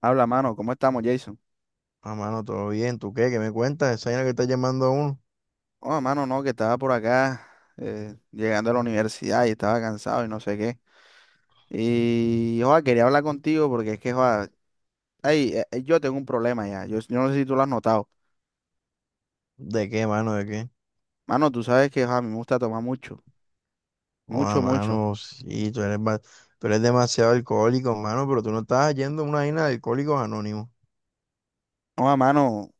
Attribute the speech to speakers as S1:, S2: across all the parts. S1: Habla, mano, ¿cómo estamos, Jason?
S2: Ah, mano, todo bien. ¿Tú qué? ¿Qué me cuentas? ¿Esa vaina que estás llamando a uno?
S1: Oh, mano, no, que estaba por acá llegando a la universidad y estaba cansado y no sé qué. Y, joa, quería hablar contigo porque es que, joa, ay, yo tengo un problema ya. Yo no sé si tú lo has notado.
S2: ¿De qué, mano? ¿De qué?
S1: Mano, tú sabes que, joa, a mí me gusta tomar mucho,
S2: Oh, ah,
S1: mucho, mucho.
S2: mano, sí, tú eres demasiado alcohólico, mano, pero tú no estás yendo a una vaina de alcohólicos anónimos.
S1: Joa, mano,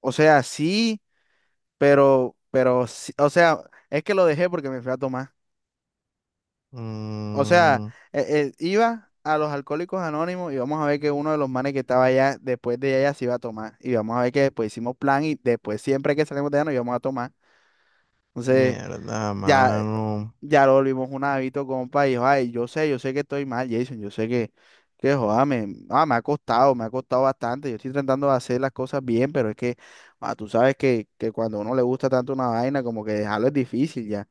S1: o sea, sí, pero, o sea, es que lo dejé porque me fui a tomar. O sea,
S2: Mm,
S1: iba a los Alcohólicos Anónimos y vamos a ver que uno de los manes que estaba allá, después de allá se iba a tomar. Y vamos a ver que después hicimos plan y después siempre que salimos de allá nos íbamos a tomar. Entonces,
S2: mierda,
S1: ya,
S2: mano.
S1: ya lo volvimos un hábito, compa, y dijo, ay, yo sé que estoy mal, Jason, yo sé que, joda, me ha costado bastante. Yo estoy tratando de hacer las cosas bien, pero es que, tú sabes que, cuando a uno le gusta tanto una vaina, como que dejarlo es difícil ya.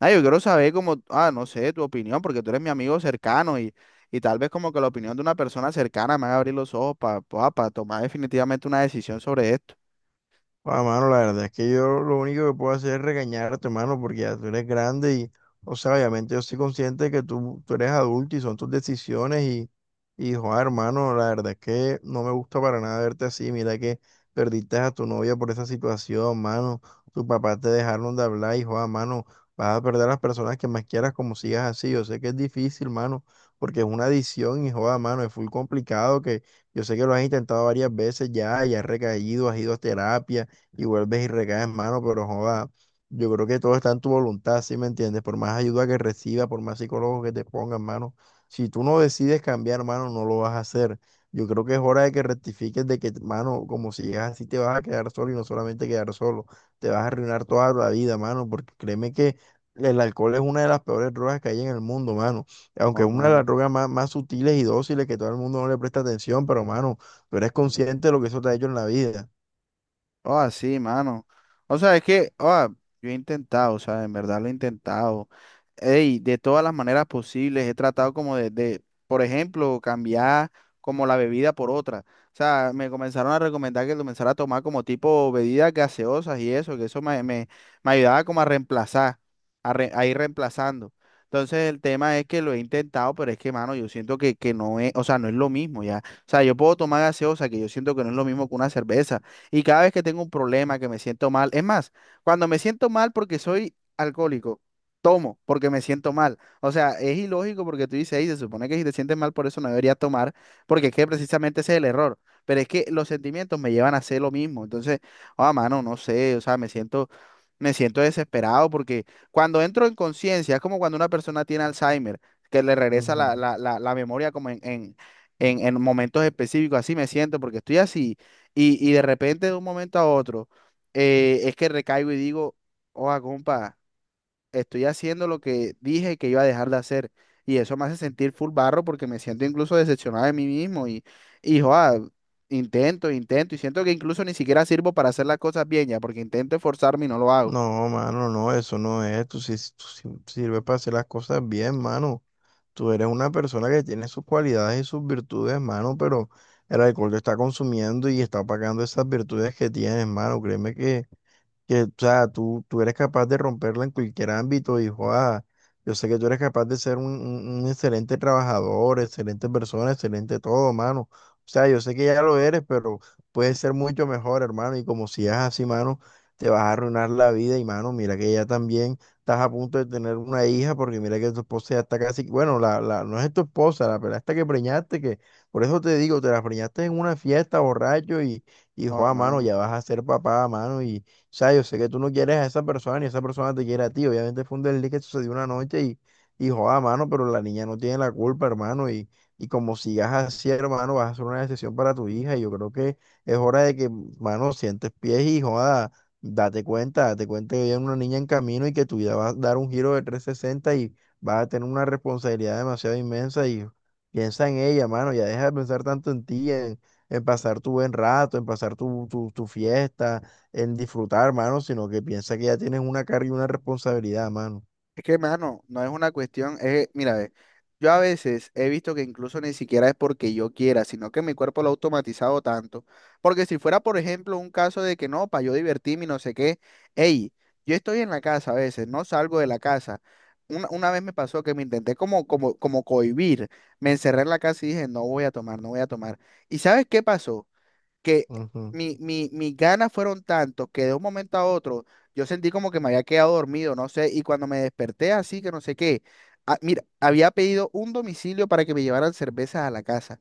S1: Yo quiero saber como, no sé, tu opinión, porque tú eres mi amigo cercano y tal vez como que la opinión de una persona cercana me haga abrir los ojos para tomar definitivamente una decisión sobre esto.
S2: Ah, mano, la verdad es que yo lo único que puedo hacer es regañarte, mano, porque ya tú eres grande y, o sea, obviamente yo soy consciente de que tú eres adulto y son tus decisiones y, joder, hermano, la verdad es que no me gusta para nada verte así. Mira que perdiste a tu novia por esa situación, mano. Tu papá te dejaron de hablar y, joder, mano, vas a perder a las personas que más quieras como sigas así. Yo sé que es difícil, mano, porque es una adicción y, joder, mano, es full complicado que yo sé que lo has intentado varias veces ya y has recaído, has ido a terapia y vuelves y recaes, mano, pero joda, yo creo que todo está en tu voluntad, ¿sí me entiendes? Por más ayuda que reciba, por más psicólogos que te pongan, mano, si tú no decides cambiar, mano, no lo vas a hacer. Yo creo que es hora de que rectifiques de que, mano, como si llegas así te vas a quedar solo y no solamente quedar solo, te vas a arruinar toda la vida, mano, porque créeme que el alcohol es una de las peores drogas que hay en el mundo, mano. Aunque
S1: Oh,
S2: es una de las
S1: mano.
S2: drogas más, más sutiles y dóciles que todo el mundo no le presta atención, pero, mano, tú eres consciente de lo que eso te ha hecho en la vida.
S1: Oh, sí, mano. O sea, es que, oh, yo he intentado, o sea, en verdad lo he intentado. Ey, de todas las maneras posibles, he tratado como de, por ejemplo, cambiar como la bebida por otra. O sea, me comenzaron a recomendar que comenzara a tomar como tipo bebidas gaseosas y eso, que eso me ayudaba como a reemplazar, a ir reemplazando. Entonces el tema es que lo he intentado, pero es que, mano, yo siento que no es, o sea, no es lo mismo ya. O sea, yo puedo tomar gaseosa, que yo siento que no es lo mismo que una cerveza. Y cada vez que tengo un problema, que me siento mal, es más, cuando me siento mal porque soy alcohólico, tomo porque me siento mal. O sea, es ilógico porque tú dices, ahí se supone que si te sientes mal por eso no deberías tomar, porque es que precisamente ese es el error. Pero es que los sentimientos me llevan a hacer lo mismo. Entonces, mano, no sé, o sea, me siento desesperado porque cuando entro en conciencia, es como cuando una persona tiene Alzheimer, que le regresa la memoria como en momentos específicos, así me siento porque estoy así y, de repente de un momento a otro, es que recaigo y digo, oh, compa, estoy haciendo lo que dije que iba a dejar de hacer. Y eso me hace sentir full barro porque me siento incluso decepcionado de mí mismo. Y, joa, intento, intento. Y siento que incluso ni siquiera sirvo para hacer las cosas bien ya, porque intento esforzarme y no lo hago.
S2: No, mano, no, eso no es. Tú sí sirves para hacer las cosas bien, mano. Tú eres una persona que tiene sus cualidades y sus virtudes, mano, pero el alcohol te está consumiendo y está apagando esas virtudes que tienes, mano. Créeme que, o sea, tú eres capaz de romperla en cualquier ámbito y, joa, yo sé que tú eres capaz de ser un excelente trabajador, excelente persona, excelente todo, mano. O sea, yo sé que ya lo eres, pero puedes ser mucho mejor, hermano. Y como sigas así, mano, te vas a arruinar la vida. Y, mano, mira que ya también estás a punto de tener una hija, porque mira que tu esposa ya está casi, bueno, no es tu esposa, la pelada esta que preñaste, que por eso te digo, te la preñaste en una fiesta, borracho, y,
S1: Oh,
S2: joa, mano,
S1: mano.
S2: ya vas a ser papá, mano, y sea, yo sé que tú no quieres a esa persona ni esa persona te quiere a ti. Obviamente fue un desliz que sucedió una noche y joda, mano, pero la niña no tiene la culpa, hermano. Y como sigas así, hermano, vas a hacer una decisión para tu hija. Y yo creo que es hora de que, mano, sientes pies y joda, date cuenta que hay una niña en camino y que tu vida va a dar un giro de 360 y vas a tener una responsabilidad demasiado inmensa. Y piensa en ella, mano, ya deja de pensar tanto en ti, en pasar tu buen rato, en pasar tu fiesta en disfrutar, mano, sino que piensa que ya tienes una carga y una responsabilidad, mano.
S1: Es que, mano, no es una cuestión, es, mira, ve, yo a veces he visto que incluso ni siquiera es porque yo quiera, sino que mi cuerpo lo ha automatizado tanto. Porque si fuera, por ejemplo, un caso de que no, para yo divertirme y no sé qué, hey, yo estoy en la casa a veces, no salgo de la casa. Una vez me pasó que me intenté como cohibir, me encerré en la casa y dije, no voy a tomar, no voy a tomar. ¿Y sabes qué pasó? Que
S2: Ujú.
S1: mis ganas fueron tantos que de un momento a otro yo sentí como que me había quedado dormido, no sé, y cuando me desperté así que no sé qué, mira, había pedido un domicilio para que me llevaran cervezas a la casa.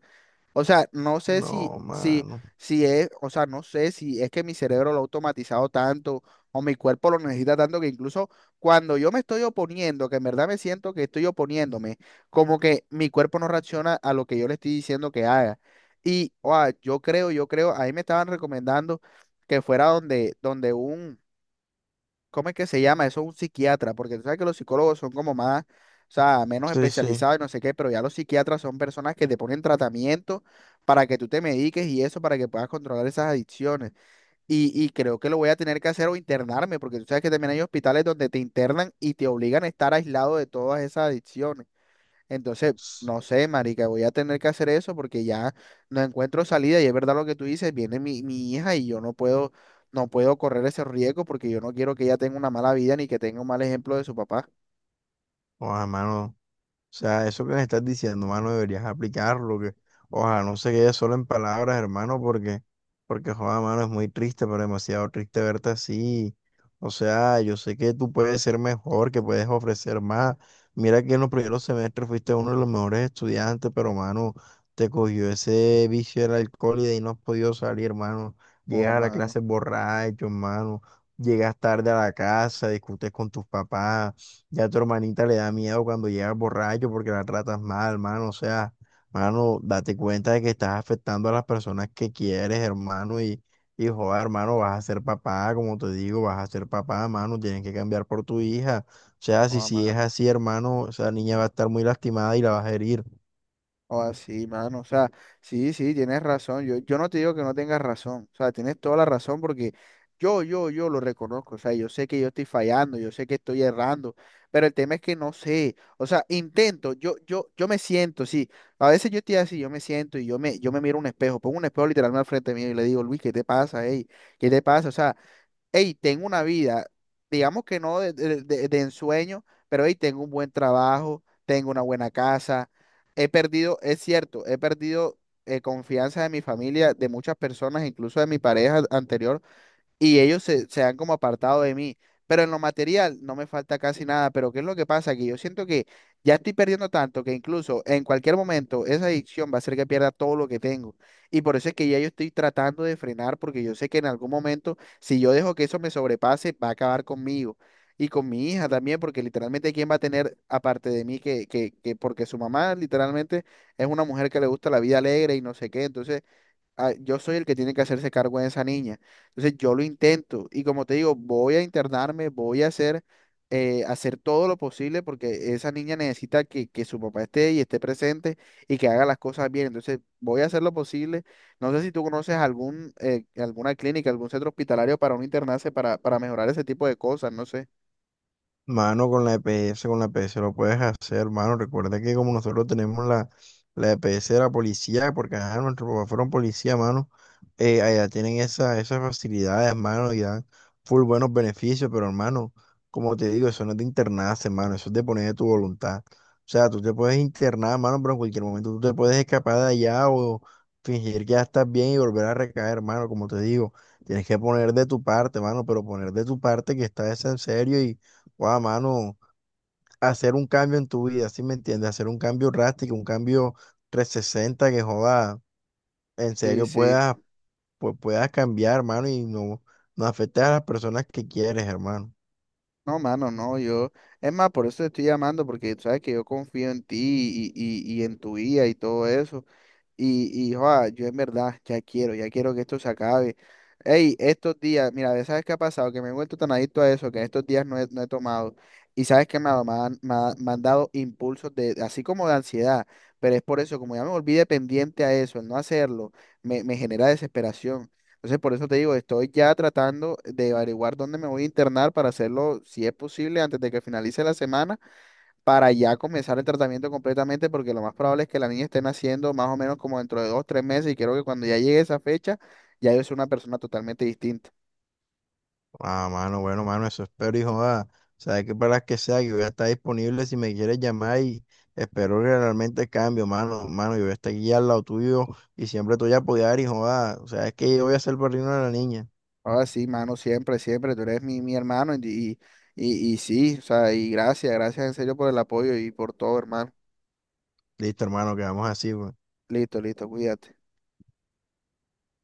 S1: O sea, no sé
S2: No, mano.
S1: si es, o sea, no sé si es que mi cerebro lo ha automatizado tanto o mi cuerpo lo necesita tanto que incluso cuando yo me estoy oponiendo, que en verdad me siento que estoy oponiéndome, como que mi cuerpo no reacciona a lo que yo le estoy diciendo que haga. Y, o yo creo, ahí me estaban recomendando que fuera donde un, ¿cómo es que se llama? Eso es un psiquiatra, porque tú sabes que los psicólogos son como más, o sea, menos
S2: Sí, sí.
S1: especializados y no sé qué, pero ya los psiquiatras son personas que te ponen tratamiento para que tú te mediques y eso, para que puedas controlar esas adicciones. Y, creo que lo voy a tener que hacer o internarme, porque tú sabes que también hay hospitales donde te internan y te obligan a estar aislado de todas esas adicciones. Entonces, no sé, marica, voy a tener que hacer eso porque ya no encuentro salida y es verdad lo que tú dices, viene mi hija y yo no puedo, no puedo correr ese riesgo porque yo no quiero que ella tenga una mala vida ni que tenga un mal ejemplo de su papá.
S2: Ojalá, mano. O sea, eso que me estás diciendo, mano, deberías aplicarlo, que ojalá no se quede solo en palabras, hermano, porque, joda, mano, es muy triste, pero demasiado triste verte así. O sea, yo sé que tú puedes ser mejor, que puedes ofrecer más. Mira que en los primeros semestres fuiste uno de los mejores estudiantes, pero, mano, te cogió ese vicio del alcohol y de ahí no has podido salir, hermano.
S1: Oh,
S2: Llegas a la
S1: mano,
S2: clase borracho, hermano. Llegas tarde a la casa, discutes con tus papás. Ya a tu hermanita le da miedo cuando llegas borracho porque la tratas mal, mano. O sea, mano, date cuenta de que estás afectando a las personas que quieres, hermano. Y joder, hermano, vas a ser papá, como te digo, vas a ser papá, mano. Tienes que cambiar por tu hija. O sea, si,
S1: oh,
S2: si es
S1: mano.
S2: así, hermano, esa niña va a estar muy lastimada y la vas a herir.
S1: O así, mano. O sea, sí, sí, tienes razón. Yo no te digo que no tengas razón. O sea, tienes toda la razón porque yo lo reconozco. O sea, yo sé que yo estoy fallando, yo sé que estoy errando, pero el tema es que no sé. O sea, intento, yo me siento, sí. A veces yo estoy así, yo me siento y yo me miro un espejo, pongo un espejo literalmente al frente mío y le digo, Luis, ¿qué te pasa, ey? ¿Qué te pasa? O sea, hey, tengo una vida, digamos que no de ensueño, pero hey, tengo un buen trabajo, tengo una buena casa. He perdido, es cierto, he perdido confianza de mi familia, de muchas personas, incluso de mi pareja anterior, y ellos se han como apartado de mí. Pero en lo material no me falta casi nada. Pero ¿qué es lo que pasa? Que yo siento que ya estoy perdiendo tanto que incluso en cualquier momento esa adicción va a hacer que pierda todo lo que tengo. Y por eso es que ya yo estoy tratando de frenar porque yo sé que en algún momento, si yo dejo que eso me sobrepase, va a acabar conmigo. Y con mi hija también, porque literalmente quién va a tener aparte de mí que porque su mamá literalmente es una mujer que le gusta la vida alegre y no sé qué. Entonces, yo soy el que tiene que hacerse cargo de esa niña. Entonces yo lo intento y como te digo, voy a internarme, voy a hacer, hacer todo lo posible porque esa niña necesita que su papá esté y esté presente y que haga las cosas bien. Entonces voy a hacer lo posible. No sé si tú conoces algún, alguna clínica, algún centro hospitalario para un internarse para mejorar ese tipo de cosas, no sé.
S2: Mano, con la EPS, con la EPS lo puedes hacer, hermano. Recuerda que como nosotros tenemos la EPS de la policía, porque ajá, nuestros papás fueron policía, mano. Eh, allá tienen esa, esas facilidades, hermano, y dan full buenos beneficios, pero hermano, como te digo, eso no es de internarse, hermano, eso es de poner de tu voluntad. O sea, tú te puedes internar, hermano, pero en cualquier momento tú te puedes escapar de allá o fingir que ya estás bien y volver a recaer, hermano, como te digo, tienes que poner de tu parte, hermano, pero poner de tu parte que estás en serio y, guau, mano, hacer un cambio en tu vida, ¿sí me entiendes? Hacer un cambio drástico, un cambio 360 que joda, en
S1: Sí,
S2: serio
S1: sí.
S2: puedas pues puedas cambiar, hermano, y no, no afectes a las personas que quieres, hermano.
S1: No, mano, no, yo. Es más, por eso te estoy llamando, porque tú sabes que yo confío en ti y, en tu guía y todo eso. Y, joa, yo en verdad ya quiero que esto se acabe. Ey, estos días, mira, ve, ¿sabes qué ha pasado? Que me he vuelto tan adicto a eso, que en estos días no he tomado. Y sabes qué me, ha- dado me han, me ha- me han dado impulsos de, así como de ansiedad. Pero es por eso, como ya me volví dependiente a eso, el no hacerlo, me genera desesperación. Entonces, por eso te digo, estoy ya tratando de averiguar dónde me voy a internar para hacerlo, si es posible, antes de que finalice la semana para ya comenzar el tratamiento completamente, porque lo más probable es que la niña esté naciendo más o menos como dentro de 2, 3 meses, y creo que cuando ya llegue esa fecha, ya yo soy una persona totalmente distinta.
S2: Ah, mano, bueno, mano, eso espero, hijo. Joda, sabes que para las que sea, yo voy a estar disponible si me quieres llamar y espero que realmente cambie, mano, yo voy a estar aquí al lado tuyo y siempre te voy a apoyar, hijo. Joda, o sea, es que yo voy a ser el padrino de la niña.
S1: Ahora sí, mano, siempre, siempre, tú eres mi hermano, y, sí, o sea, y gracias, gracias en serio por el apoyo y por todo, hermano.
S2: Listo, hermano, quedamos así, pues.
S1: Listo, listo, cuídate.